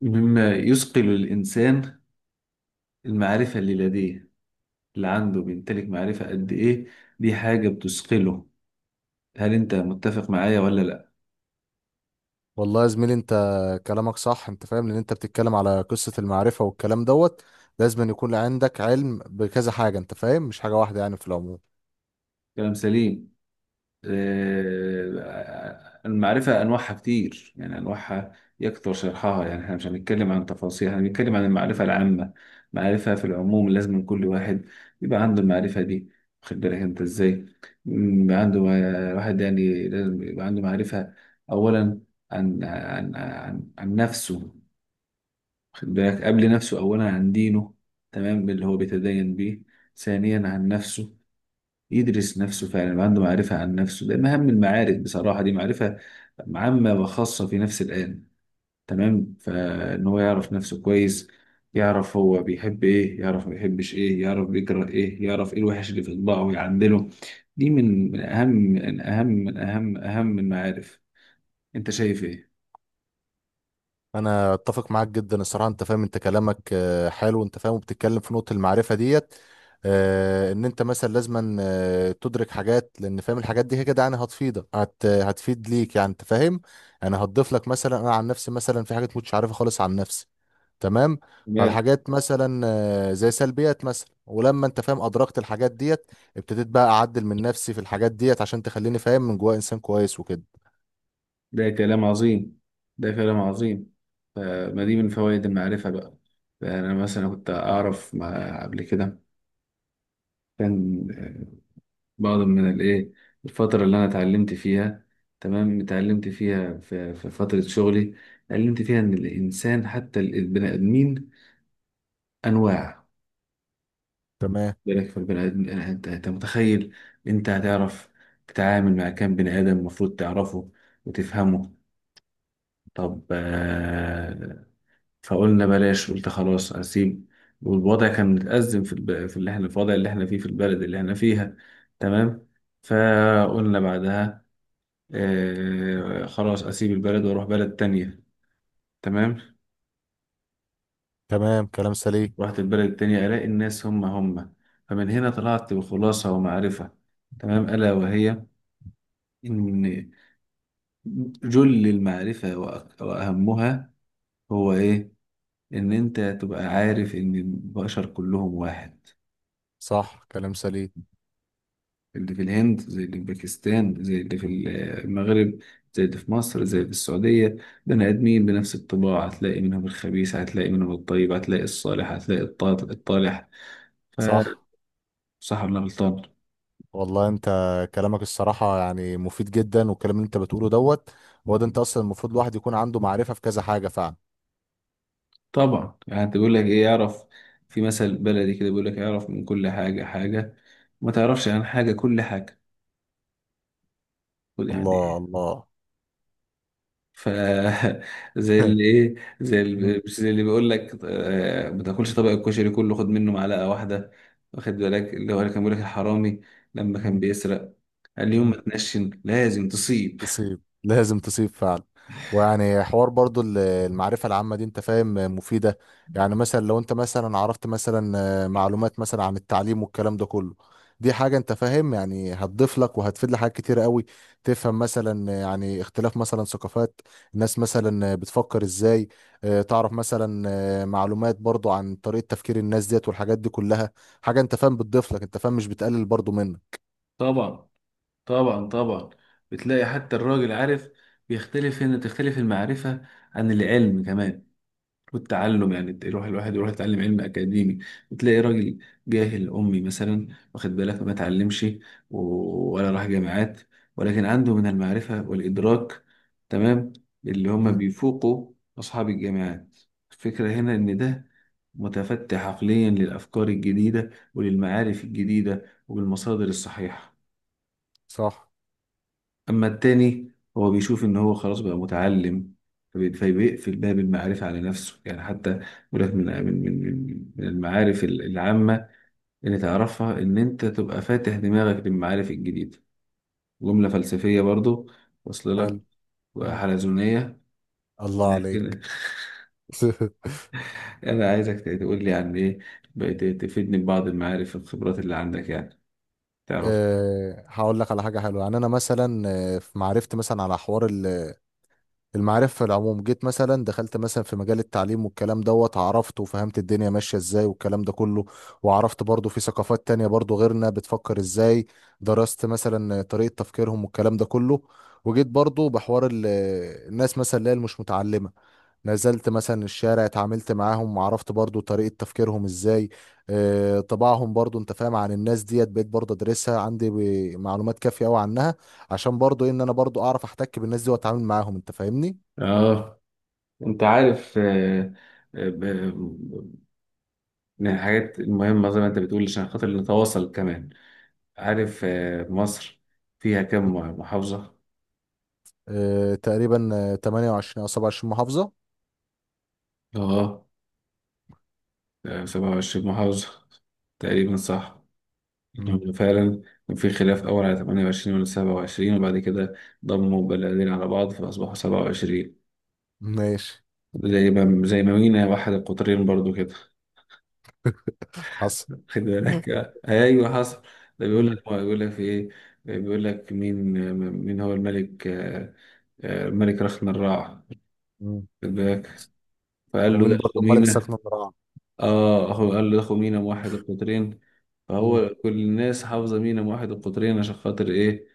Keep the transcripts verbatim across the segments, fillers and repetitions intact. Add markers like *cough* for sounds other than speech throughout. مما يثقل الإنسان المعرفة اللي لديه، اللي عنده بيمتلك معرفة قد إيه. دي حاجة بتثقله. هل أنت متفق معايا ولا لأ؟ والله يا زميلي انت، كلامك صح، انت فاهم. لان انت بتتكلم على قصة المعرفة والكلام دوت. لازم أن يكون عندك علم بكذا حاجة، انت فاهم، مش حاجة واحدة يعني في العموم. كلام سليم. آه، المعرفة أنواعها كتير، يعني أنواعها يكثر شرحها. يعني احنا مش هنتكلم عن تفاصيل، احنا هنتكلم عن المعرفة العامة. معرفة في العموم لازم من كل واحد يبقى عنده المعرفة دي. واخد بالك أنت إزاي؟ م، يبقى عنده. آه، واحد يعني لازم يبقى عنده معرفة. أولا عن عن عن, عن نفسه. واخد بالك؟ قبل نفسه، أولا عن دينه، تمام، اللي هو بيتدين بيه. ثانيا عن نفسه، يدرس نفسه فعلا، يبقى عنده معرفة عن نفسه، لأن أهم المعارف بصراحة دي معرفة عامة وخاصة في نفس الآن، تمام. فإن هو يعرف نفسه كويس، يعرف هو بيحب إيه، يعرف ما بيحبش إيه، يعرف بيكره إيه، يعرف إيه الوحش اللي في طباعه ويعدله. دي من من أهم من أهم من أهم أهم المعارف. أنت شايف إيه؟ انا اتفق معاك جدا الصراحه، انت فاهم، انت كلامك آه، حلو، انت فاهم، وبتتكلم في نقطه المعرفه ديت. آه، ان انت مثلا لازما آه، تدرك حاجات لان فاهم الحاجات دي هي كده. يعني هتفيدك، هت هتفيد ليك، يعني انت فاهم. يعني هتضيف لك. مثلا انا عن نفسي، مثلا في حاجات مش عارفها خالص عن نفسي، تمام؟ ده فالحاجات مثلا آه، زي سلبيات، مثلا ولما انت فاهم ادركت الحاجات ديت، ابتديت بقى اعدل من نفسي في الحاجات ديت، عشان تخليني فاهم من جوايا انسان كويس وكده. ده كلام عظيم. ده كلام عظيم. فما دي من فوائد المعرفة بقى. فأنا مثلا كنت أعرف مع قبل كده، كان بعض من الايه، الفترة اللي انا اتعلمت فيها، تمام، اتعلمت فيها في, في فترة شغلي، اتعلمت فيها ان الانسان حتى ال- البني ادمين انواع. تمام بالك في البني ادم؟ يعني انت انت متخيل، انت هتعرف تتعامل مع كام بني ادم المفروض تعرفه وتفهمه؟ طب. آه، فقلنا بلاش، قلت خلاص اسيب. والوضع كان متأزم في الب... في اللي احنا، في الوضع اللي احنا فيه في البلد اللي احنا فيها، تمام. فقلنا بعدها: آه خلاص اسيب البلد واروح بلد تانية، تمام. تمام كلام سليم. رحت البلد التانية الاقي الناس هم هم. فمن هنا طلعت بخلاصة ومعرفة، تمام، الا وهي ان جل المعرفة وأك- واهمها هو ايه. ان انت تبقى عارف ان البشر كلهم واحد. صح كلام سليم. اللي في الهند زي اللي في باكستان زي اللي في المغرب زي اللي في مصر زي اللي في السعودية، بني آدمين بنفس الطباع. هتلاقي منهم الخبيث، هتلاقي منهم الطيب، هتلاقي الصالح، هتلاقي الط- الطالح. صح. فصح ولا غلطان؟ والله انت كلامك الصراحة يعني مفيد جدا، والكلام اللي انت بتقوله دوت هو ده. انت اصلا المفروض الواحد يكون عنده معرفة في كذا حاجة فعلا. طبعا. يعني انت بيقول لك ايه؟ يعرف. في مثل بلدي كده بيقول لك: يعرف من كل حاجة حاجة، ما تعرفش عن حاجة كل حاجة، يعني. الله الله. ف *laughs* زي *laughs* اللي ايه، زي مم. اللي مش زي اللي بيقول لك: آه، ما تاكلش طبق الكشري كله، خد منه معلقه واحده. واخد بالك؟ اللي هو اللي كان بيقول لك الحرامي لما كان مم. بيسرق قال لي: يوم ما مم. تنشن لازم تصيب. تصيب، لازم تصيب فعلا. ويعني حوار برضو ال- المعرفة العامة دي، انت فاهم، مفيدة. يعني مثلا لو انت مثلا عرفت مثلا آه، معلومات مثلا عن التعليم والكلام ده كله، دي حاجة انت فاهم يعني هتضيف لك وهتفيد لحاجات كتير قوي. تفهم مثلا آه، يعني اختلاف مثلا ثقافات الناس، مثلا آه، بتفكر ازاي. آه، تعرف مثلا آه، معلومات برضو عن طريقة تفكير الناس ديت والحاجات دي كلها. حاجة انت فاهم بتضيف لك، انت فاهم، مش بتقلل برضو منك. طبعا طبعا طبعا. بتلاقي حتى الراجل عارف بيختلف. هنا تختلف المعرفة عن العلم كمان والتعلم. يعني يروح الواحد يروح يتعلم علم أكاديمي، وتلاقي راجل جاهل أمي مثلا، واخد بالك، ما اتعلمش و- ولا راح جامعات، ولكن عنده من المعرفة والإدراك، تمام، اللي هم مم. بيفوقوا أصحاب الجامعات. الفكرة هنا إن ده متفتح عقليا للأفكار الجديدة وللمعارف الجديدة وبالمصادر الصحيحة. صح. أما التاني هو بيشوف إن هو خلاص بقى متعلم، فبي- فبيقفل باب المعرفة على نفسه. يعني حتى يقول لك من من من من من المعارف ال- العامة اللي تعرفها، إن أنت تبقى فاتح دماغك للمعارف الجديدة. جملة فلسفية برضو، وصل حلو. لك؟ مم. وحلزونية. الله عليك. لكن *laughs* *laughs* أنا عايزك تقول لي عن إيه بقيت، تفيدني ببعض المعارف والخبرات اللي عندك، يعني تعرف. آه، هقول لك على حاجة حلوة. يعني أنا مثلا آه، في معرفتي، مثلا على حوار المعرفة في العموم، جيت مثلا دخلت مثلا في مجال التعليم والكلام دوت، عرفت وفهمت الدنيا ماشية ازاي والكلام ده كله. وعرفت برضو في ثقافات تانية برضو غيرنا بتفكر ازاي، درست مثلا طريقة تفكيرهم والكلام ده كله. وجيت برضو بحوار ال- الناس مثلا اللي هي مش متعلمة، نزلت مثلا الشارع، اتعاملت معاهم وعرفت برضو طريقة تفكيرهم ازاي. آه، طباعهم برضو انت فاهم عن الناس ديت، بقيت برضو ادرسها عندي ب- معلومات كافية قوي عنها، عشان برضو إيه، ان انا برضو اعرف احتك بالناس دي واتعامل معاهم، انت فاهمني. آه، أنت عارف. آه، آه، من الحاجات المهمة، زي ما أنت بتقول، عشان خاطر نتواصل كمان. عارف آه، مصر فيها كم محافظة؟ آه تقريبا، آه، تمانية وعشرين او سبعة وعشرين محافظة. آه. آه، سبعة وعشرين محافظة تقريبا، صح. مم. لأنه فعلا كان في خلاف أول على تمانية وعشرين ولا سبعة وعشرين، وبعد كده ضموا بلدين على بعض فأصبحوا سبعة وعشرين. ماشي. زي ما زي ما مينا واحد القطرين برضو كده. حصل. *laughs* خد بالك. آه، أيوه حصل. ده بيقول مم. لك بيقول لك في إيه؟ بيقول لك مين، آه، مين هو الملك، آه، آه، الملك رخن الراع. مم. خد بالك. فقال له ومين ده برضو ملك سكن خمينة. القراعة؟ اه، هو قال له ده خمينة واحد القطرين. مم. فهو كل الناس حافظة مينا واحد القطرين، عشان خاطر ايه؟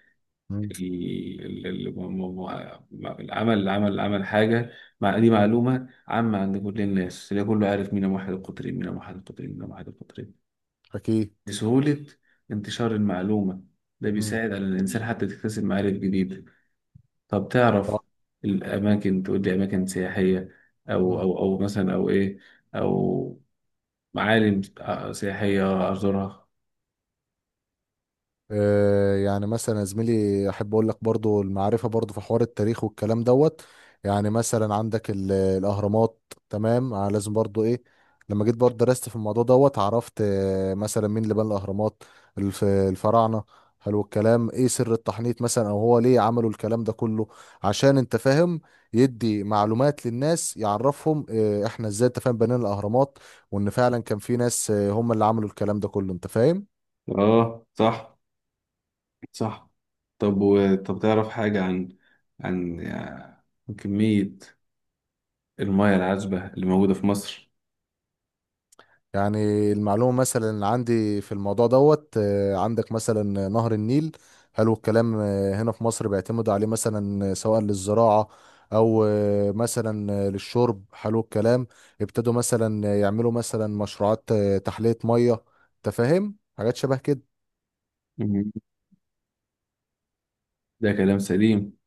مم. ال- ال- ال- م- م- م- العمل العمل العمل حاجة. مع دي مم. معلومة عامة عند كل الناس، اللي كله عارف مينا واحد القطرين، مينا واحد القطرين، مينا واحد القطرين، اكيد. لسهولة انتشار المعلومة. ده مم. بيساعد على الإنسان حتى يكتسب معارف جديدة. طب تعرف الأماكن؟ تقول لي أماكن سياحية، أو صح. أو أو مثلا، أو إيه، أو معالم سياحية أزورها. آه، يعني مثلا يا زميلي، احب اقول لك برضو المعرفه برضو في حوار التاريخ والكلام دوت. يعني مثلا عندك ال- الاهرامات، تمام؟ آه، لازم برضو ايه، لما جيت برضو درست في الموضوع دوت، عرفت آه، مثلا مين اللي بنى الاهرامات. الف- الفراعنه. حلو الكلام. ايه سر التحنيط مثلا، او هو ليه عملوا الكلام ده كله، عشان انت فاهم يدي معلومات للناس، يعرفهم آه، احنا ازاي انت فاهم بنينا الاهرامات، وان فعلا كان في ناس آه، هم اللي عملوا الكلام ده كله، انت فاهم. اه صح. صح. طب و... طب تعرف حاجة عن عن آه، كمية المياه العذبة اللي موجودة في مصر؟ يعني المعلومة مثلا اللي عندي في الموضوع دوت، آه، عندك مثلا نهر النيل. حلو الكلام. آه، هنا في مصر بيعتمد عليه مثلا سواء للزراعة أو آه، مثلا آه، للشرب. حلو الكلام. ابتدوا مثلا يعملوا مثلا مشروعات آه، تحلية مية، تفاهم حاجات شبه كده. مم. ده كلام سليم.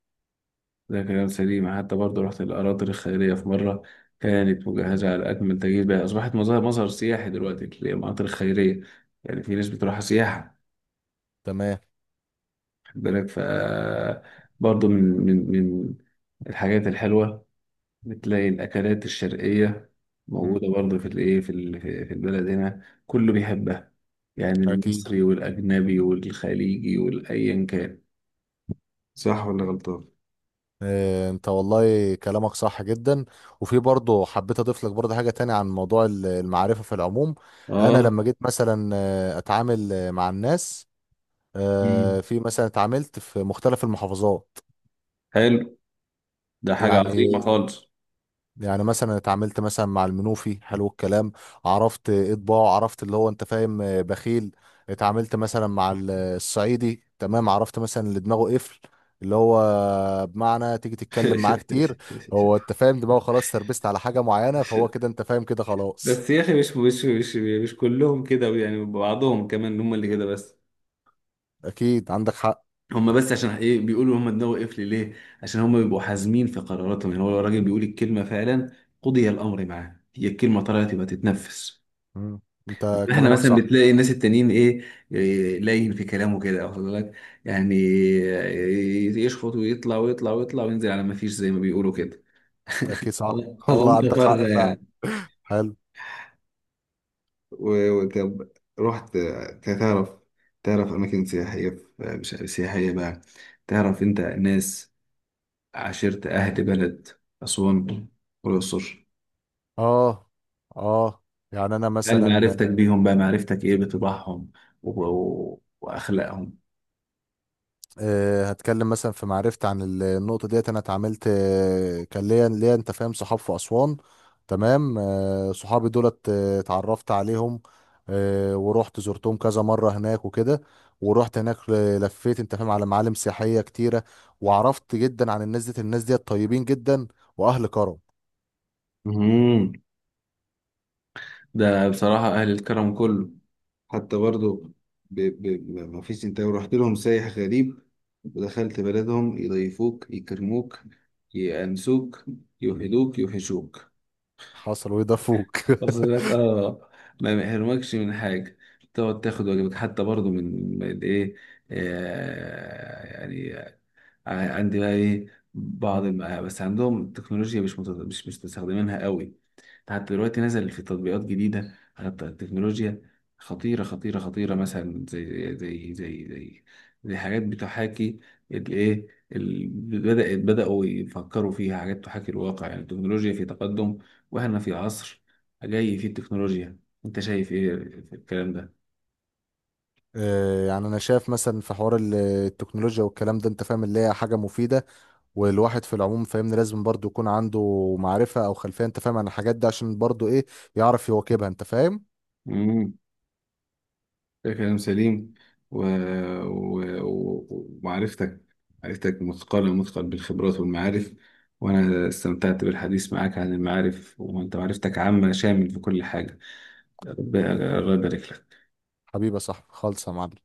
ده كلام سليم. حتى برضه رحت الأراضي الخيرية في مرة، كانت مجهزة على أكمل تجهيز، بقى أصبحت مظهر مظهر سياحي دلوقتي، المناطق الخيرية. يعني في ناس بتروحها سياحة. تمام. خد بالك. ف برضه من من من الحاجات الحلوة، بتلاقي الأكلات الشرقية مم. موجودة برضه في الإيه، في ال- في في البلد هنا، كله بيحبها. يعني أكيد. المصري والأجنبي والخليجي والأيا كان. صح ولا غلطان؟ إيه، انت والله كلامك صح جدا. وفي برضه حبيت اضيف لك برضه حاجه تانية عن موضوع ال- المعرفه في العموم. انا آه. لما جيت مثلا آه، اتعامل آه، مع الناس، آه، مم. في مثلا اتعاملت في مختلف المحافظات. حلو. ده حاجة يعني عظيمة خالص. يعني مثلا اتعاملت مثلا مع المنوفي، حلو الكلام، عرفت اطباعه، عرفت اللي هو انت فاهم آه، بخيل. اتعاملت مثلا مع ال- الصعيدي، تمام، عرفت مثلا اللي دماغه قفل، اللي هو بمعنى تيجي تتكلم معاه كتير، *laughs* هو انت فاهم دماغه خلاص تربست على حاجة معينة، فهو كده انت فاهم كده خلاص. بس يا أخي مش مش مش مش كلهم كده، يعني بعضهم كمان هم اللي كده بس. اكيد عندك حق. هم بس. عشان ايه بيقولوا هم دماغه قفل ليه؟ عشان هم بيبقوا حازمين في قراراتهم. يعني هو لو الراجل بيقول الكلمه فعلا قضي الامر معاه، هي الكلمه طلعت يبقى تتنفس. مم. انت احنا كلامك مثلا صح. بتلاقي الناس التانيين ايه، إيه، لين في كلامه كده، واخد بالك، يعني إيه، يشخط ويطلع ويطلع ويطلع وينزل على ما فيش، زي ما بيقولوا كده، اكيد صح. او *laughs* او والله انت عندك حق فارغه فعلا. يعني. حلو. و- وطب رحت، تعرف، تعرف أماكن سياحية في- مش سياحية بقى، تعرف أنت ناس، عشيرة، أهل بلد أسوان والأقصر. اه. اه. يعني انا هل مثلا معرفتك بيهم بقى، معرفتك إيه بطباعهم و- و- وأخلاقهم؟ آه، هتكلم مثلا في معرفتي عن ال- النقطة ديت. أنا اتعاملت آه، كان ليا ليا أنت فاهم صحاب في أسوان، تمام. آه، صحابي دولت آه، اتعرفت عليهم آه، ورحت زرتهم كذا مرة هناك وكده. ورحت هناك ل- لفيت أنت فاهم على معالم سياحية كتيرة، وعرفت جدا عن الناس ديت. الناس ديت طيبين جدا وأهل كرم. مهم. ده بصراحة أهل الكرم كله. حتى برضو ب... ب... ب- ما فيش، انت لو رحت لهم سايح غريب ودخلت بلدهم يضيفوك، يكرموك، يأنسوك، يوحدوك، يوحشوك. حصل وده فوق. *laughs* واصل لك؟ اه. ما بيحرمكش من حاجه، تقعد تاخد واجبك حتى برضو من من ايه، آه، يعني ع- عندي بقى ايه. بعض مم. الم... بس عندهم التكنولوجيا مش مت... مش مش مستخدمينها قوي. حتى دلوقتي نزل في تطبيقات جديدة على الت- التكنولوجيا خطيرة خطيرة خطيرة. مثلا زي زي زي زي زي حاجات بتحاكي الايه ال- بدأت بدأوا يفكروا فيها، حاجات تحاكي الواقع. يعني التكنولوجيا في تقدم، واحنا في عصر جاي فيه التكنولوجيا. انت شايف ايه في الكلام ده؟ آه، يعني انا شايف مثلا في حوار ال- آه، التكنولوجيا والكلام ده انت فاهم اللي هي حاجه مفيده. والواحد في العموم فاهمني لازم برضو يكون عنده معرفة او خلفية، انت فاهم، عن الحاجات دي عشان برضو ايه، يعرف يواكبها، انت فاهم. مم. ده كلام سليم. و... و... و... ومعرفتك، معرفتك مثقلة، مثقل بالخبرات والمعارف. وأنا استمتعت بالحديث معك عن المعارف، وأنت معرفتك عامة، شامل في كل حاجة. رب- الله يبارك لك. حبيبي يا صاحبي خالص يا معلم.